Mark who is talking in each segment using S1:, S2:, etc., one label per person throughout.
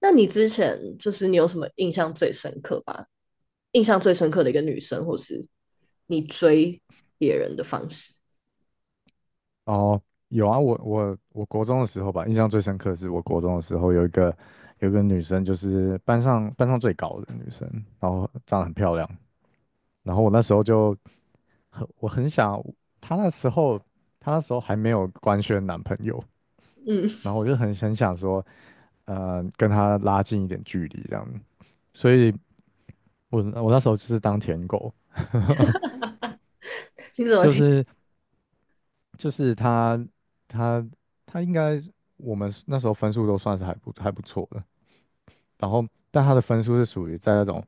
S1: 那你之前你有什么印象最深刻吧？印象最深刻的一个女生，或是你追别人的方式？
S2: 哦，有啊，我国中的时候吧，印象最深刻的是我国中的时候有一个女生，就是班上最高的女生，然后长得很漂亮，然后我那时候就我很想，她那时候她那时候还没有官宣男朋友，
S1: 嗯，
S2: 然后我就很想说，跟她拉近一点距离这样，所以我那时候就是当舔狗，
S1: 你怎么
S2: 就
S1: 听？
S2: 是就是她她她应该我们那时候分数都算是还不错的。然后但他的分数是属于在那种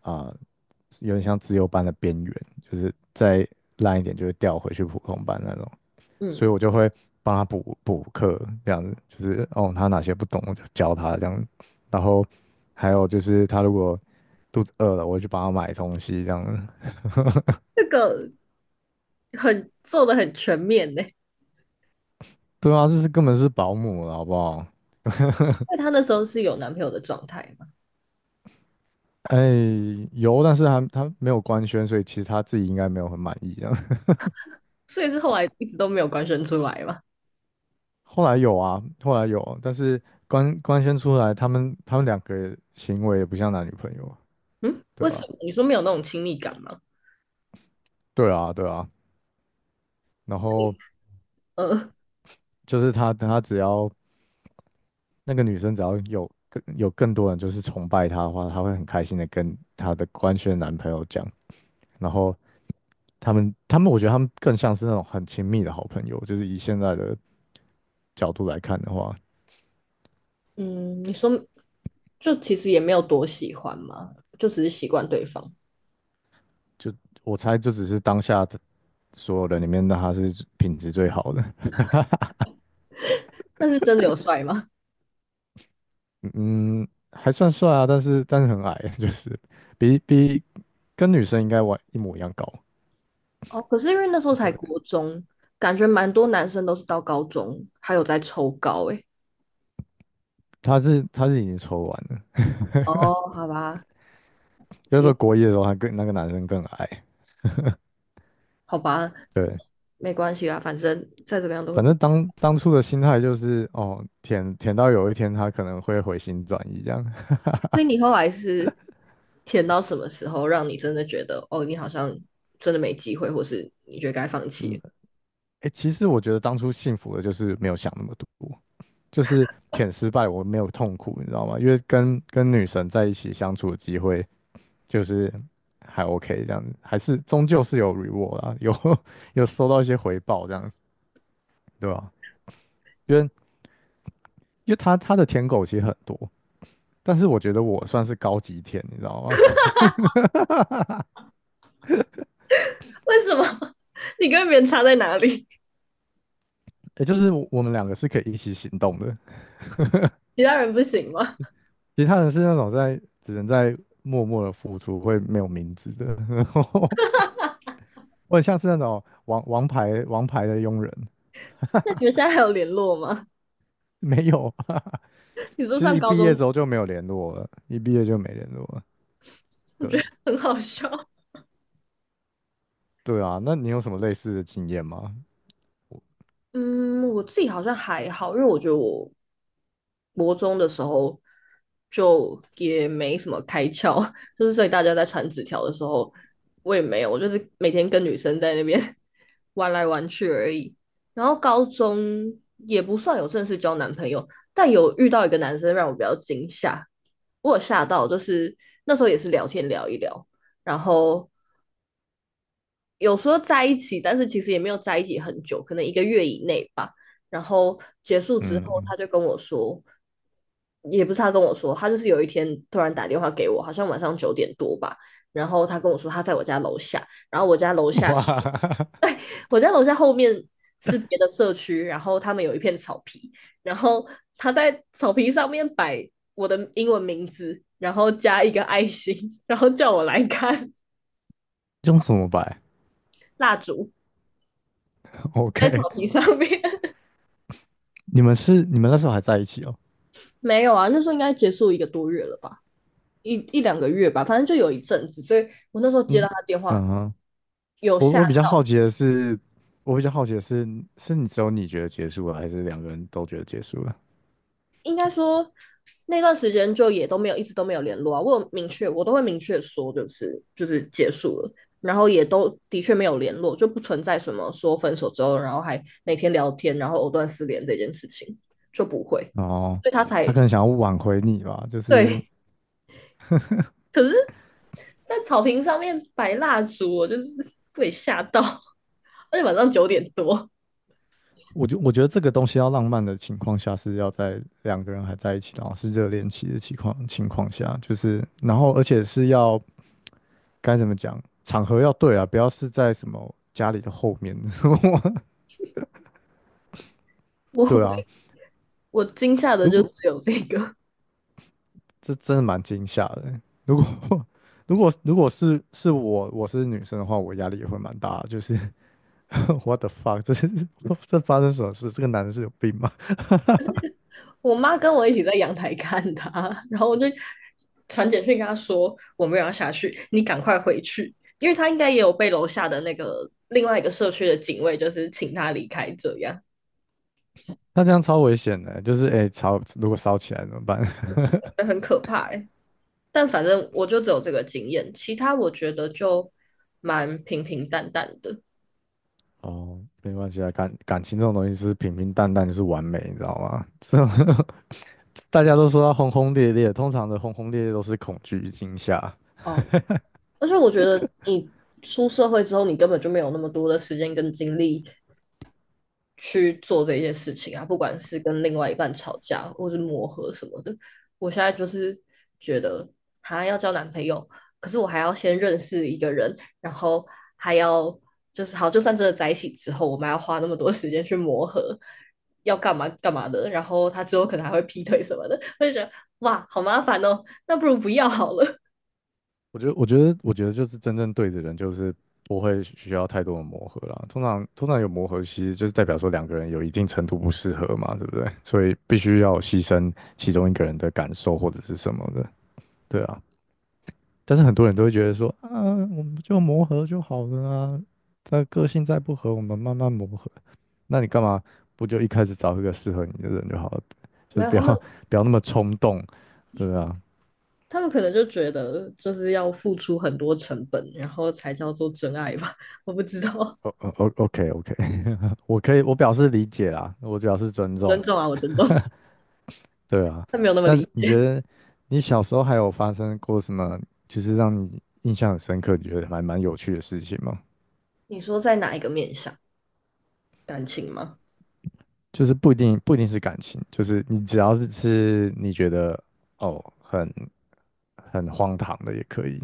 S2: 啊、呃有点像自优班的边缘，就是再烂一点就会调回去普通班那种，所以
S1: 嗯，
S2: 我就会帮他补补课，这样子就是哦，他哪些不懂我就教他这样，然后还有就是他如果肚子饿了，我就帮他买东西这样子。
S1: 这个很做的很全面呢。
S2: 对啊，这是根本是保姆了，好不好？
S1: 因为她那时候是有男朋友的状态嘛，
S2: 哎，有，但是他没有官宣，所以其实他自己应该没有很满意这样。
S1: 所以是后来一直都没有官宣出来嘛。
S2: 后来有啊，后来有，但是官宣出来，他们两个行为也不像男女朋友，
S1: 嗯，
S2: 对
S1: 为什
S2: 吧？
S1: 么？你说没有那种亲密感吗？
S2: 对啊，对啊。然后
S1: 呃，
S2: 就是他只要那个女生只要有更多人就是崇拜她的话，她会很开心的跟她的官宣男朋友讲。然后他们他们，我觉得他们更像是那种很亲密的好朋友，就是以现在的角度来看的话，
S1: 嗯，你说其实也没有多喜欢嘛，就只是习惯对方。
S2: 就我猜就只是当下的所有人里面，的他是品质最好的。
S1: 但是真的有帅吗？
S2: 嗯，还算帅啊，但是很矮，就是比比跟女生应该完一模一样高。
S1: 哦，可是因为那时候才
S2: 对，
S1: 国中，感觉蛮多男生都是到高中还有在抽高
S2: 他是已经抽完了，
S1: 哦，好吧，
S2: 有时
S1: 也
S2: 候国一的时候还跟那个男生更矮。
S1: 好吧，
S2: 对，
S1: 没关系啦，反正再怎么样都会
S2: 反
S1: 比
S2: 正当初的心态就是哦，舔到有一天他可能会回心转意这样。
S1: 所以你后来是填到什么时候，让你真的觉得哦，你好像真的没机会，或是你觉得该放
S2: 嗯，
S1: 弃。
S2: 哎，其实我觉得当初幸福的就是没有想那么多，就是舔失败我没有痛苦，你知道吗？因为跟女神在一起相处的机会。就是还 OK 这样子，还是终究是有 reward 啦，有 有收到一些回报这样，对吧？因为因为他的舔狗其实很多，但是我觉得我算是高级舔，你知道吗？
S1: 为什么？你跟别人差在哪里？
S2: 也就是我们两个是可以一起行动的，
S1: 其他人不行吗？
S2: 其他人是那种只能在默默的付出，会没有名字的，然后我很像是那种王牌的佣人，
S1: 那你们现在还有联络吗？
S2: 没有，
S1: 你说
S2: 其实
S1: 上
S2: 一
S1: 高
S2: 毕业
S1: 中，
S2: 之后就没有联络了，一毕业就没联络了，
S1: 我
S2: 对。
S1: 觉得很好笑。
S2: 对啊，那你有什么类似的经验吗？
S1: 嗯，我自己好像还好，因为我觉得我国中的时候就也没什么开窍，所以大家在传纸条的时候，我也没有，我就是每天跟女生在那边 玩来玩去而已。然后高中也不算有正式交男朋友，但有遇到一个男生让我比较惊吓，我有吓到，就是那时候也是聊天聊一聊，然后有时候在一起，但是其实也没有在一起很久，可能一个月以内吧。然后结束之后，
S2: 嗯，
S1: 他就跟我说，也不是他跟我说，他就是有一天突然打电话给我，好像晚上九点多吧。然后他跟我说他在我家楼下，然后我家楼下，
S2: 哇，
S1: 我家楼下后面是别的社区，然后他们有一片草皮，然后他在草皮上面摆我的英文名字，然后加一个爱心，然后叫我来看
S2: 用什么摆
S1: 蜡烛在
S2: ？OK，
S1: 草皮上面。
S2: 你们那时候还在一起哦？
S1: 没有啊，那时候应该结束一个多月了吧，一两个月吧，反正就有一阵子，所以我那时候接到
S2: 嗯
S1: 他电话，
S2: 嗯哼，
S1: 有
S2: 我
S1: 下，
S2: 我比较好奇的是，我比较好奇的是，是你只有你觉得结束了，还是两个人都觉得结束了？
S1: 应该说那段时间就也都没有，一直都没有联络啊。我有明确，我都会明确说，就是结束了，然后也都的确没有联络，就不存在什么说分手之后，然后还每天聊天，然后藕断丝连这件事情就不会，
S2: 哦，
S1: 所以他
S2: 他
S1: 才
S2: 可能想要挽回你吧，就是
S1: 对可是，在草坪上面摆蜡烛，我就是 被吓到，而且晚上九点多，
S2: 我觉得这个东西要浪漫的情况下，是要在两个人还在一起，然后是热恋期的情况下，就是然后而且是要该怎么讲，场合要对啊，不要是在什么家里的后面，对啊，
S1: 我我惊吓的
S2: 如
S1: 就
S2: 果
S1: 只有这个。
S2: 这真的蛮惊吓的欸如果 如果是我是女生的话，我压力也会蛮大的，就是 what the fuck，这是 这发生什么事？这个男的是有病吗？
S1: 我妈跟我一起在阳台看她，然后我就传简讯跟她说我们有要下去，你赶快回去，因为她应该也有被楼下的那个另外一个社区的警卫就是请她离开，这样
S2: 那这样超危险的欸就是哎、欸吵如果烧起来怎么办？
S1: 很可怕、欸。但反正我就只有这个经验，其他我觉得就蛮平平淡淡的。
S2: 哦，没关系啊，感情这种东西是平平淡淡就是完美，你知道吗？这种 大家都说要轰轰烈烈，通常的轰轰烈烈都是恐惧与惊吓。
S1: 哦，而且我觉得你出社会之后，你根本就没有那么多的时间跟精力去做这些事情啊，不管是跟另外一半吵架，或是磨合什么的。我现在就是觉得，哈，要交男朋友，可是我还要先认识一个人，然后还要就是好，就算真的在一起之后，我们还要花那么多时间去磨合，要干嘛干嘛的，然后他之后可能还会劈腿什么的，我就觉得哇，好麻烦哦，那不如不要好了。
S2: 我觉得就是真正对的人，就是不会需要太多的磨合啦。通常有磨合，其实就是代表说两个人有一定程度不适合嘛，对不对？所以必须要牺牲其中一个人的感受或者是什么的，对啊。但是很多人都会觉得说，啊，我们就磨合就好了啊，他个性再不合，我们慢慢磨合。那你干嘛不就一开始找一个适合你的人就好了？就
S1: 没
S2: 是
S1: 有，
S2: 不要 不要那么冲动，对啊。
S1: 他们可能就觉得就是要付出很多成本，然后才叫做真爱吧？我不知道，
S2: O O O K O K，我可以，我表示理解啦，我表示尊
S1: 我
S2: 重。
S1: 尊重啊，我尊重，
S2: 对啊，
S1: 他没有那么
S2: 那
S1: 理
S2: 你觉
S1: 解。
S2: 得你小时候还有发生过什么，就是让你印象很深刻，你觉得还蛮有趣的事情吗？
S1: 你说在哪一个面向？感情吗？
S2: 就是不一定是感情，就是你只要是你觉得哦很荒唐的也可以，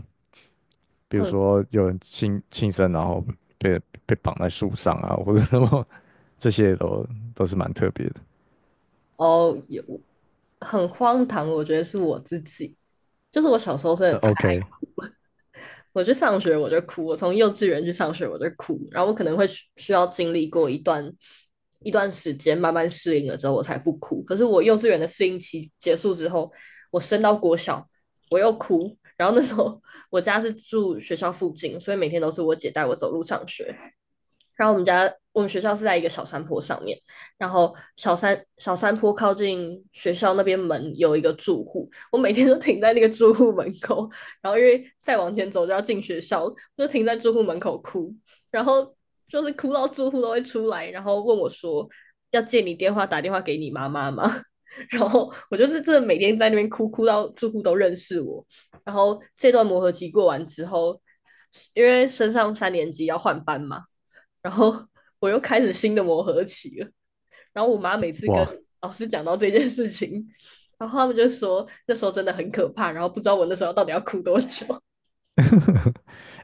S2: 比如
S1: 很
S2: 说有人轻生，然后被被绑在树上啊，或者什么，这些都是蛮特别的。
S1: 哦，有很荒唐，我觉得是我自己，就是我小时候真的
S2: 那
S1: 太
S2: OK，
S1: 我去上学我就哭，我从幼稚园去上学我就哭，然后我可能会需要经历过一段一段时间，慢慢适应了之后我才不哭。可是我幼稚园的适应期结束之后，我升到国小我又哭，然后那时候 我家是住学校附近，所以每天都是我姐带我走路上学，然后我们学校是在一个小山坡上面，然后小山坡靠近学校那边门有一个住户，我每天都停在那个住户门口，然后因为再往前走就要进学校，就停在住户门口哭，然后就是哭到住户都会出来，然后问我说要借你电话打电话给你妈妈吗？然后我就是真的每天在那边哭，哭到住户都认识我。然后这段磨合期过完之后，因为升上三年级要换班嘛，然后我又开始新的磨合期了。然后我妈每次跟
S2: 哇，
S1: 老师讲到这件事情，然后他们就说那时候真的很可怕，然后不知道我那时候到底要哭多久。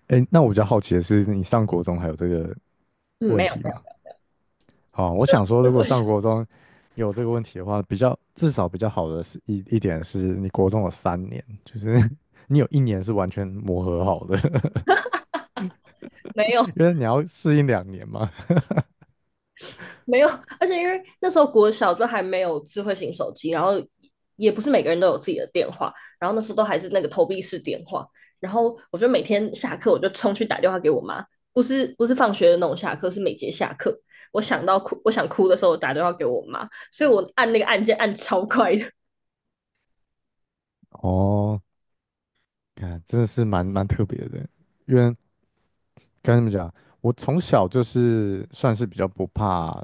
S2: 哎，那我比较好奇的是，你上国中还有这个
S1: 嗯，
S2: 问
S1: 没有
S2: 题
S1: 没
S2: 吗？
S1: 有
S2: 好，我想说，如果上 国中有这个问题的话，至少比较好的是一点是你国中有3年，就是 你有一年是完全磨合好的，
S1: 没 有，
S2: 因为你要适应2年嘛。
S1: 没有，而且因为那时候国小就还没有智慧型手机，然后也不是每个人都有自己的电话，然后那时候都还是那个投币式电话，然后我就每天下课我就冲去打电话给我妈，不是放学的那种下课，是每节下课，我想哭的时候我打电话给我妈，所以我按那个按键按超快的，
S2: 哦，看真的是蛮特别的，因为跟你们讲，我从小就是算是比较不怕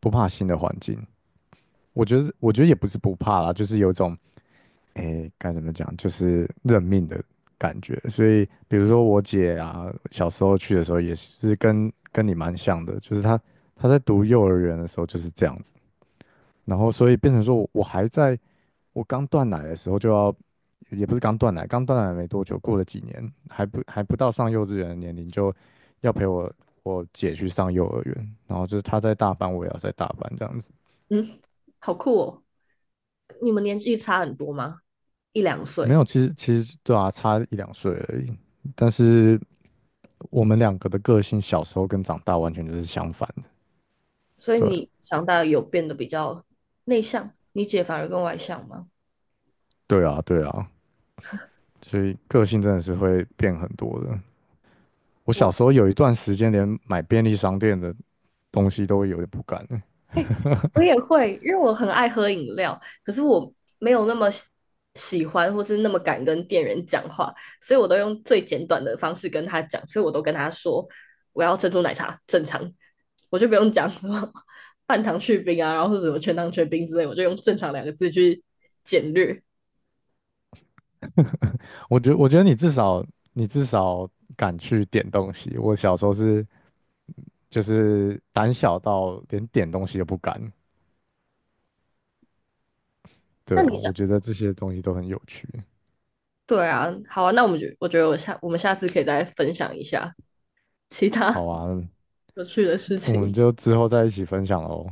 S2: 不怕新的环境，我觉得也不是不怕啦，就是有一种。诶，该怎么讲，就是认命的感觉。所以，比如说我姐啊，小时候去的时候也是跟你蛮像的，就是她在读幼儿园的时候就是这样子，然后所以变成说我我还在我刚断奶的时候就要，也不是刚断奶，刚断奶没多久，过了几年还不到上幼稚园的年龄，就要陪我姐去上幼儿园，然后就是她在大班，我也要在大班这样子。
S1: 嗯，好酷哦！你们年纪差很多吗？一两
S2: 没
S1: 岁，
S2: 有，其实对啊，差一两岁而已。但是我们两个的个性小时候跟长大完全就是相反的。
S1: 所以
S2: 对，
S1: 你长大有变得比较内向，你姐反而更外向吗？
S2: 对啊，对啊，所以个性真的是会变很多的。我
S1: 我
S2: 小时候有一段时间连买便利商店的东西都会有点不敢欸
S1: 我也会，因为我很爱喝饮料，可是我没有那么喜欢，或是那么敢跟店员讲话，所以我都用最简短的方式跟他讲，所以我都跟他说我要珍珠奶茶，正常，我就不用讲什么半糖去冰啊，然后是什么全糖全冰之类，我就用正常两个字去简略。
S2: 我觉得你至少敢去点东西，我小时候是就是胆小到连点东西都不敢。对
S1: 那
S2: 啊，
S1: 你
S2: 我
S1: 想，
S2: 觉得这些东西都很有趣。
S1: 对啊，好啊，那我们就我觉得我下我们下次可以再分享一下其他
S2: 好啊，
S1: 有趣的事
S2: 我们
S1: 情。
S2: 就之后再一起分享喽。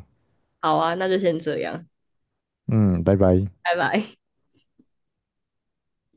S1: 好啊，那就先这样，
S2: 嗯，拜拜。
S1: 拜拜。